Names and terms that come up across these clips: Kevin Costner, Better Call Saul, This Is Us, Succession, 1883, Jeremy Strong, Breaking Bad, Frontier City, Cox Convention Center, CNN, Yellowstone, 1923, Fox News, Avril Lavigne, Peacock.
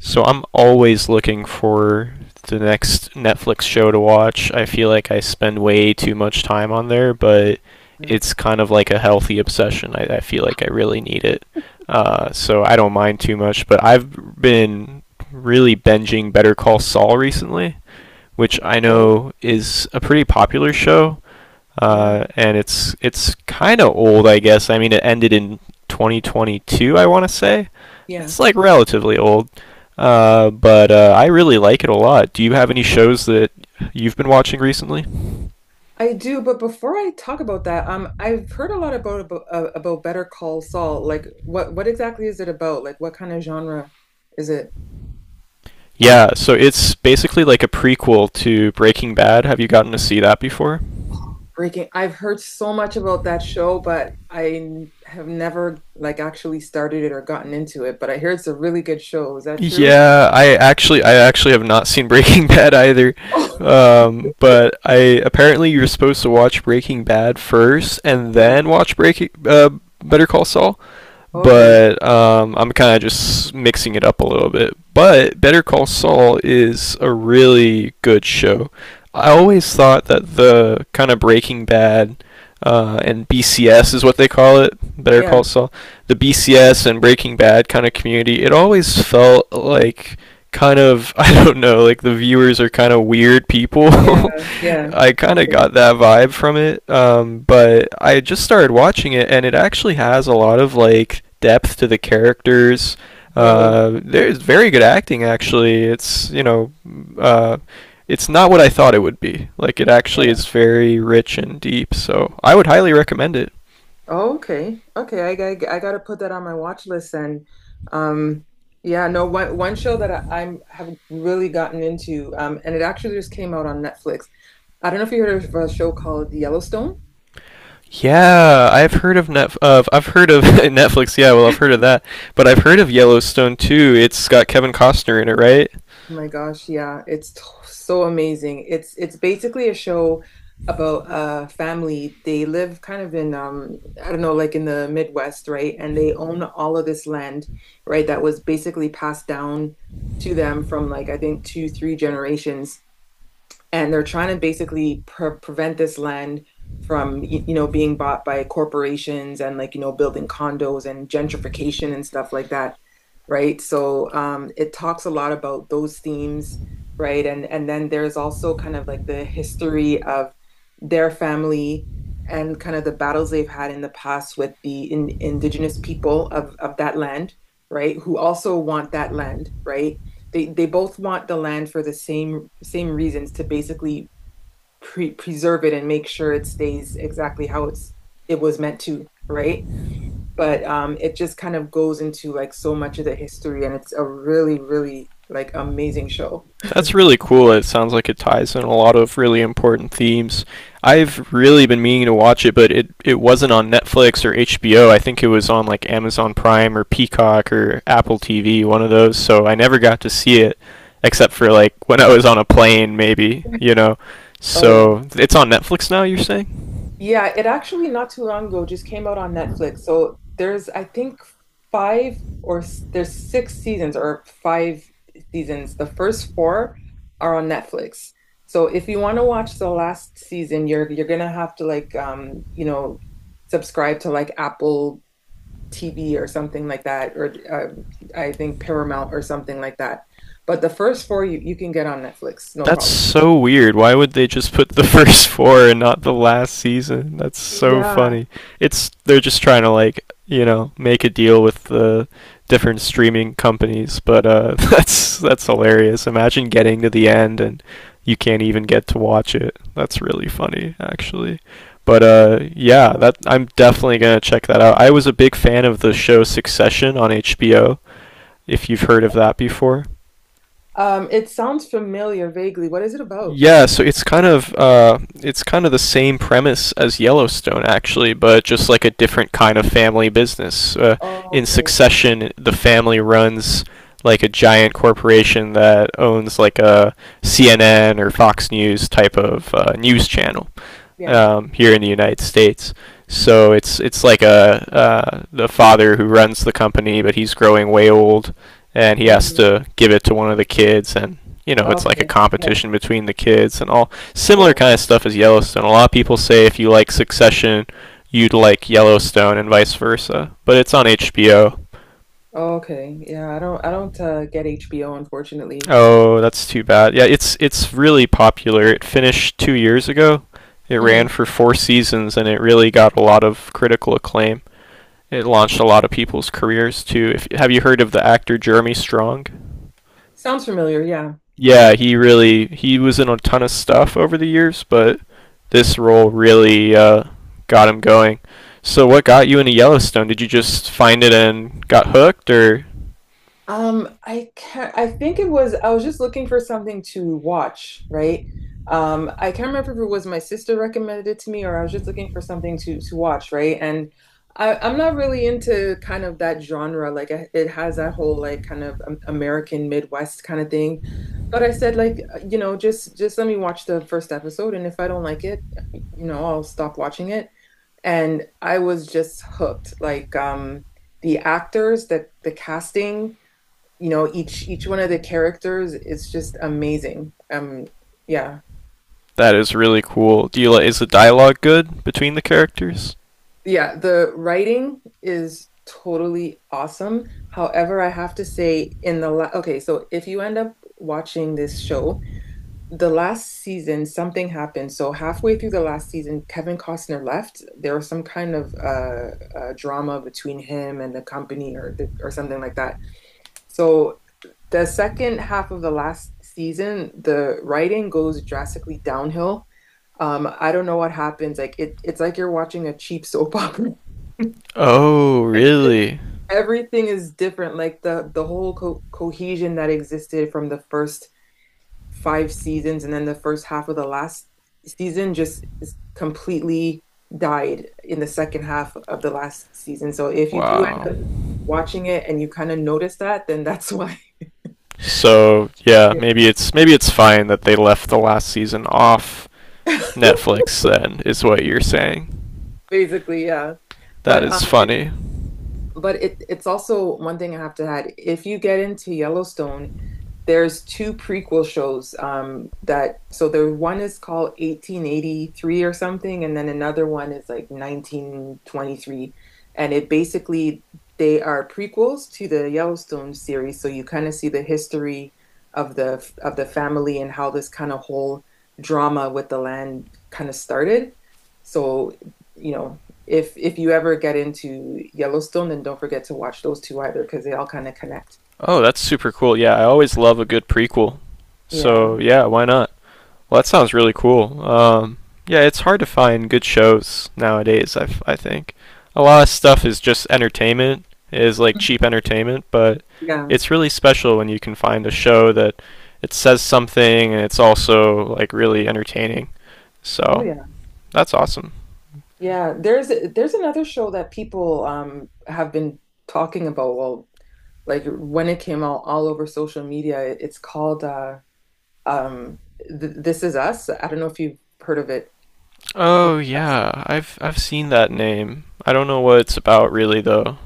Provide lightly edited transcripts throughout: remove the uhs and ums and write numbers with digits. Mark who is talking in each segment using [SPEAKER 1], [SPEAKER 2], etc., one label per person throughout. [SPEAKER 1] So I'm always looking for the next Netflix show to watch. I feel like I spend way too much time on there, but
[SPEAKER 2] Yeah.
[SPEAKER 1] it's kind of like a healthy obsession. I feel like I really need it. So I don't mind too much, but I've been really binging Better Call Saul recently, which I
[SPEAKER 2] Oh,
[SPEAKER 1] know is a pretty popular show,
[SPEAKER 2] yeah,
[SPEAKER 1] and it's kind of old, I guess. I mean, it ended in 2022, I want to say.
[SPEAKER 2] yeah.
[SPEAKER 1] It's like relatively old, but I really like it a lot. Do you have any shows that you've been watching recently?
[SPEAKER 2] I do, but before I talk about that, I've heard a lot about Better Call Saul. Like, what exactly is it about? Like, what kind of genre is it
[SPEAKER 1] Yeah, so it's basically like a prequel to Breaking Bad. Have you gotten to see that before?
[SPEAKER 2] breaking? I've heard so much about that show, but have never like actually started it or gotten into it. But I hear it's a really good show. Is that true?
[SPEAKER 1] Yeah, I actually have not seen Breaking Bad either.
[SPEAKER 2] Oh,
[SPEAKER 1] But I apparently you're supposed to watch Breaking Bad first and
[SPEAKER 2] yeah.
[SPEAKER 1] then watch Breaking Better Call Saul.
[SPEAKER 2] Okay.
[SPEAKER 1] But I'm kind of just mixing it up a little bit. But Better Call Saul is a really good show. I always thought that the kind of Breaking Bad, and BCS is what they call it, Better
[SPEAKER 2] Yeah.
[SPEAKER 1] Call Saul, the BCS and Breaking Bad kind of community, it always felt like kind of, I don't know, like the viewers are kind of weird people.
[SPEAKER 2] Yeah. Yeah.
[SPEAKER 1] I kind of
[SPEAKER 2] Okay.
[SPEAKER 1] got that vibe from it, but I just started watching it, and it actually has a lot of like depth to the characters.
[SPEAKER 2] Really.
[SPEAKER 1] There's very good acting, actually. It's, you know, uh, it's not what I thought it would be. Like it actually
[SPEAKER 2] Yeah.
[SPEAKER 1] is very rich and deep, so I would highly recommend it.
[SPEAKER 2] Oh, okay. Okay, I got to put that on my watch list, and um yeah, no one one show that I, I'm have really gotten into, and it actually just came out on Netflix. I don't know if you heard of a show called Yellowstone.
[SPEAKER 1] Yeah, I've heard of Netflix. Yeah, well, I've heard of that, but I've heard of Yellowstone too. It's got Kevin Costner in it, right?
[SPEAKER 2] Oh my gosh, yeah, so amazing. It's basically a show about a family. They live kind of in, I don't know, like in the Midwest, right? And they own all of this land, right? That was basically passed down to them from, like, I think two, three generations. And they're trying to basically prevent this land from, you know, being bought by corporations and, like, you know, building condos and gentrification and stuff like that, right? So it talks a lot about those themes, right? And then there's also kind of like the history of their family and kind of the battles they've had in the past with the indigenous people of that land, right, who also want that land, right? They both want the land for the same reasons, to basically preserve it and make sure it stays exactly how it was meant to, right? But it just kind of goes into like so much of the history, and it's a really like amazing show.
[SPEAKER 1] That's really cool. It sounds like it ties in a lot of really important themes. I've really been meaning to watch it, but it wasn't on Netflix or HBO. I think it was on like Amazon Prime or Peacock or Apple TV, one of those. So I never got to see it, except for like when I was on a plane, maybe,
[SPEAKER 2] Oh yeah.
[SPEAKER 1] So it's on Netflix now, you're saying?
[SPEAKER 2] Yeah, it actually not too long ago just came out on Netflix. So there's, I think, there's six seasons or five seasons. The first four are on Netflix. So if you want to watch the last season, you're gonna have to, like, you know, subscribe to like Apple TV or something like that, or, I think Paramount or something like that. But the first four you can get on Netflix, no
[SPEAKER 1] That's
[SPEAKER 2] problem.
[SPEAKER 1] so weird. Why would they just put the first four and not the last season? That's so
[SPEAKER 2] Yeah.
[SPEAKER 1] funny. It's they're just trying to like, you know, make a deal with the different streaming companies, but that's hilarious. Imagine getting to the end and you can't even get to watch it. That's really funny actually. But yeah, that I'm definitely going to check that out. I was a big fan of the show Succession on HBO, if you've heard of that before.
[SPEAKER 2] It sounds familiar vaguely. What is it about?
[SPEAKER 1] Yeah, so it's kind of the same premise as Yellowstone, actually, but just like a different kind of family business.
[SPEAKER 2] Oh,
[SPEAKER 1] In
[SPEAKER 2] okay.
[SPEAKER 1] Succession, the family runs like a giant corporation that owns like a CNN or Fox News type of news channel
[SPEAKER 2] Yeah.
[SPEAKER 1] here in the United States. So it's like a the father who runs the company, but he's growing way old, and he has
[SPEAKER 2] Hmm.
[SPEAKER 1] to give it to one of the kids, and you know it's like a
[SPEAKER 2] Okay. Yeah.
[SPEAKER 1] competition between the kids and all similar
[SPEAKER 2] Oh,
[SPEAKER 1] kind of stuff as Yellowstone. A lot of people say if you like Succession, you'd like Yellowstone, and vice versa. But it's on HBO.
[SPEAKER 2] okay. Yeah, I don't get HBO, unfortunately.
[SPEAKER 1] Oh, that's too bad. Yeah, it's really popular. It finished 2 years ago. It ran
[SPEAKER 2] Hmm.
[SPEAKER 1] for four seasons, and it really got a lot of critical acclaim. It launched a lot of people's careers too. If have you heard of the actor Jeremy Strong?
[SPEAKER 2] Sounds familiar. Yeah.
[SPEAKER 1] Yeah, he was in a ton of stuff over the years, but this role really got him going. So what got you into Yellowstone? Did you just find it and got hooked, or
[SPEAKER 2] I can't, I think it was, I was just looking for something to watch, right? I can't remember if it was my sister recommended it to me, or I was just looking for something to watch, right? And I'm not really into kind of that genre. Like, I, it has that whole like kind of, American Midwest kind of thing. But I said, like, you know, just let me watch the first episode, and if I don't like it, you know, I'll stop watching it. And I was just hooked. Like, the actors, the casting, you know, each one of the characters is just amazing. Yeah.
[SPEAKER 1] that is really cool? Is the dialogue good between the characters?
[SPEAKER 2] Yeah, the writing is totally awesome. However, I have to say in the la okay, so if you end up watching this show, the last season, something happened. So halfway through the last season, Kevin Costner left. There was some kind of drama between him and the company, or or something like that. So the second half of the last season, the writing goes drastically downhill. I don't know what happens. Like it's like you're watching a cheap soap opera.
[SPEAKER 1] Oh,
[SPEAKER 2] It's just-
[SPEAKER 1] really?
[SPEAKER 2] everything is different. Like the whole co cohesion that existed from the first five seasons, and then the first half of the last season, just is completely died in the second half of the last season. So if you do
[SPEAKER 1] Wow.
[SPEAKER 2] end up watching it and you kind of notice that, then that's why.
[SPEAKER 1] So yeah, maybe it's fine that they left the last season off Netflix. Then is what you're saying.
[SPEAKER 2] Basically, yeah.
[SPEAKER 1] That
[SPEAKER 2] But
[SPEAKER 1] is
[SPEAKER 2] um, it,
[SPEAKER 1] funny.
[SPEAKER 2] but it's also one thing I have to add. If you get into Yellowstone, there's two prequel shows, that so there one is called 1883 or something, and then another one is like 1923, and it basically, they are prequels to the Yellowstone series, so you kind of see the history of the family and how this kind of whole drama with the land kind of started. So, you know, if you ever get into Yellowstone, then don't forget to watch those two either, because they all kind of connect.
[SPEAKER 1] Oh, that's super cool. Yeah, I always love a good prequel.
[SPEAKER 2] Yeah.
[SPEAKER 1] So, yeah, why not? Well, that sounds really cool. Yeah, it's hard to find good shows nowadays, I think. A lot of stuff is just entertainment, is like cheap entertainment, but
[SPEAKER 2] Yeah.
[SPEAKER 1] it's really special when you can find a show that it says something and it's also like really entertaining.
[SPEAKER 2] Oh
[SPEAKER 1] So,
[SPEAKER 2] yeah.
[SPEAKER 1] that's awesome.
[SPEAKER 2] Yeah, there's another show that people, have been talking about. Well, like when it came out all over social media, it's called um Th This Is Us. I don't know if you've heard of it.
[SPEAKER 1] Oh, yeah. I've seen that name. I don't know what it's about really though.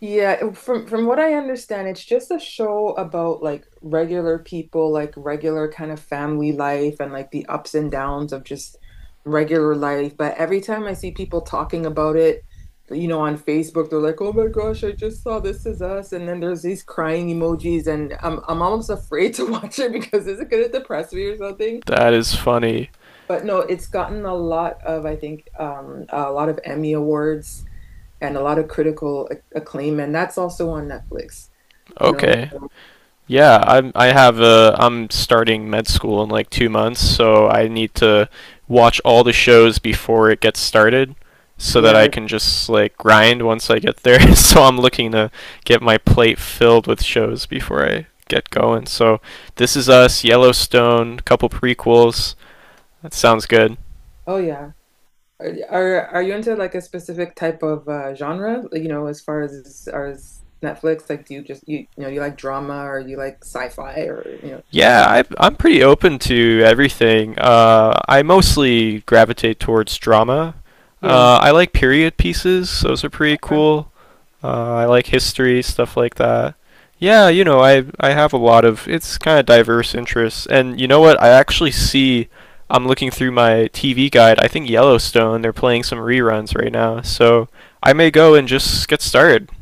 [SPEAKER 2] Yeah, from what I understand, it's just a show about like regular people, like regular kind of family life and like the ups and downs of just regular life. But every time I see people talking about it, you know, on Facebook, they're like, "Oh my gosh, I just saw This Is Us," and then there's these crying emojis, and I'm almost afraid to watch it, because is it gonna depress me or something?
[SPEAKER 1] That is funny.
[SPEAKER 2] But no, it's gotten a lot of, I think, a lot of Emmy awards and a lot of acclaim, and that's also on Netflix, you know?
[SPEAKER 1] Okay.
[SPEAKER 2] So,
[SPEAKER 1] Yeah, I'm. I have a. I'm starting med school in like 2 months, so I need to watch all the shows before it gets started, so that I
[SPEAKER 2] yeah.
[SPEAKER 1] can just like grind once I get there. so I'm looking to get my plate filled with shows before I get going. So this is us, Yellowstone, couple prequels. That sounds good.
[SPEAKER 2] Oh, yeah. Are you into like a specific type of, genre? Like, you know, as far as Netflix, like, do you you know, you like drama, or you like sci-fi, or you know?
[SPEAKER 1] Yeah, I'm pretty open to everything. I mostly gravitate towards drama.
[SPEAKER 2] Yeah.
[SPEAKER 1] I like period pieces; those are pretty
[SPEAKER 2] Okay.
[SPEAKER 1] cool. I like history stuff like that. Yeah, you know, I have a lot of it's kind of diverse interests, and you know what? I actually see. I'm looking through my TV guide. I think Yellowstone. They're playing some reruns right now, so I may go and just get started.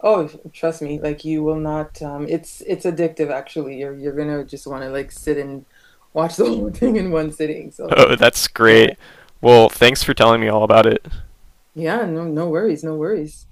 [SPEAKER 2] Oh, trust me, like you will not. It's addictive, actually. You're gonna just want to like sit and watch the whole thing in one sitting. So
[SPEAKER 1] Oh, that's
[SPEAKER 2] yeah,
[SPEAKER 1] great. Well, thanks for telling me all about it.
[SPEAKER 2] yeah. No, no worries, no worries.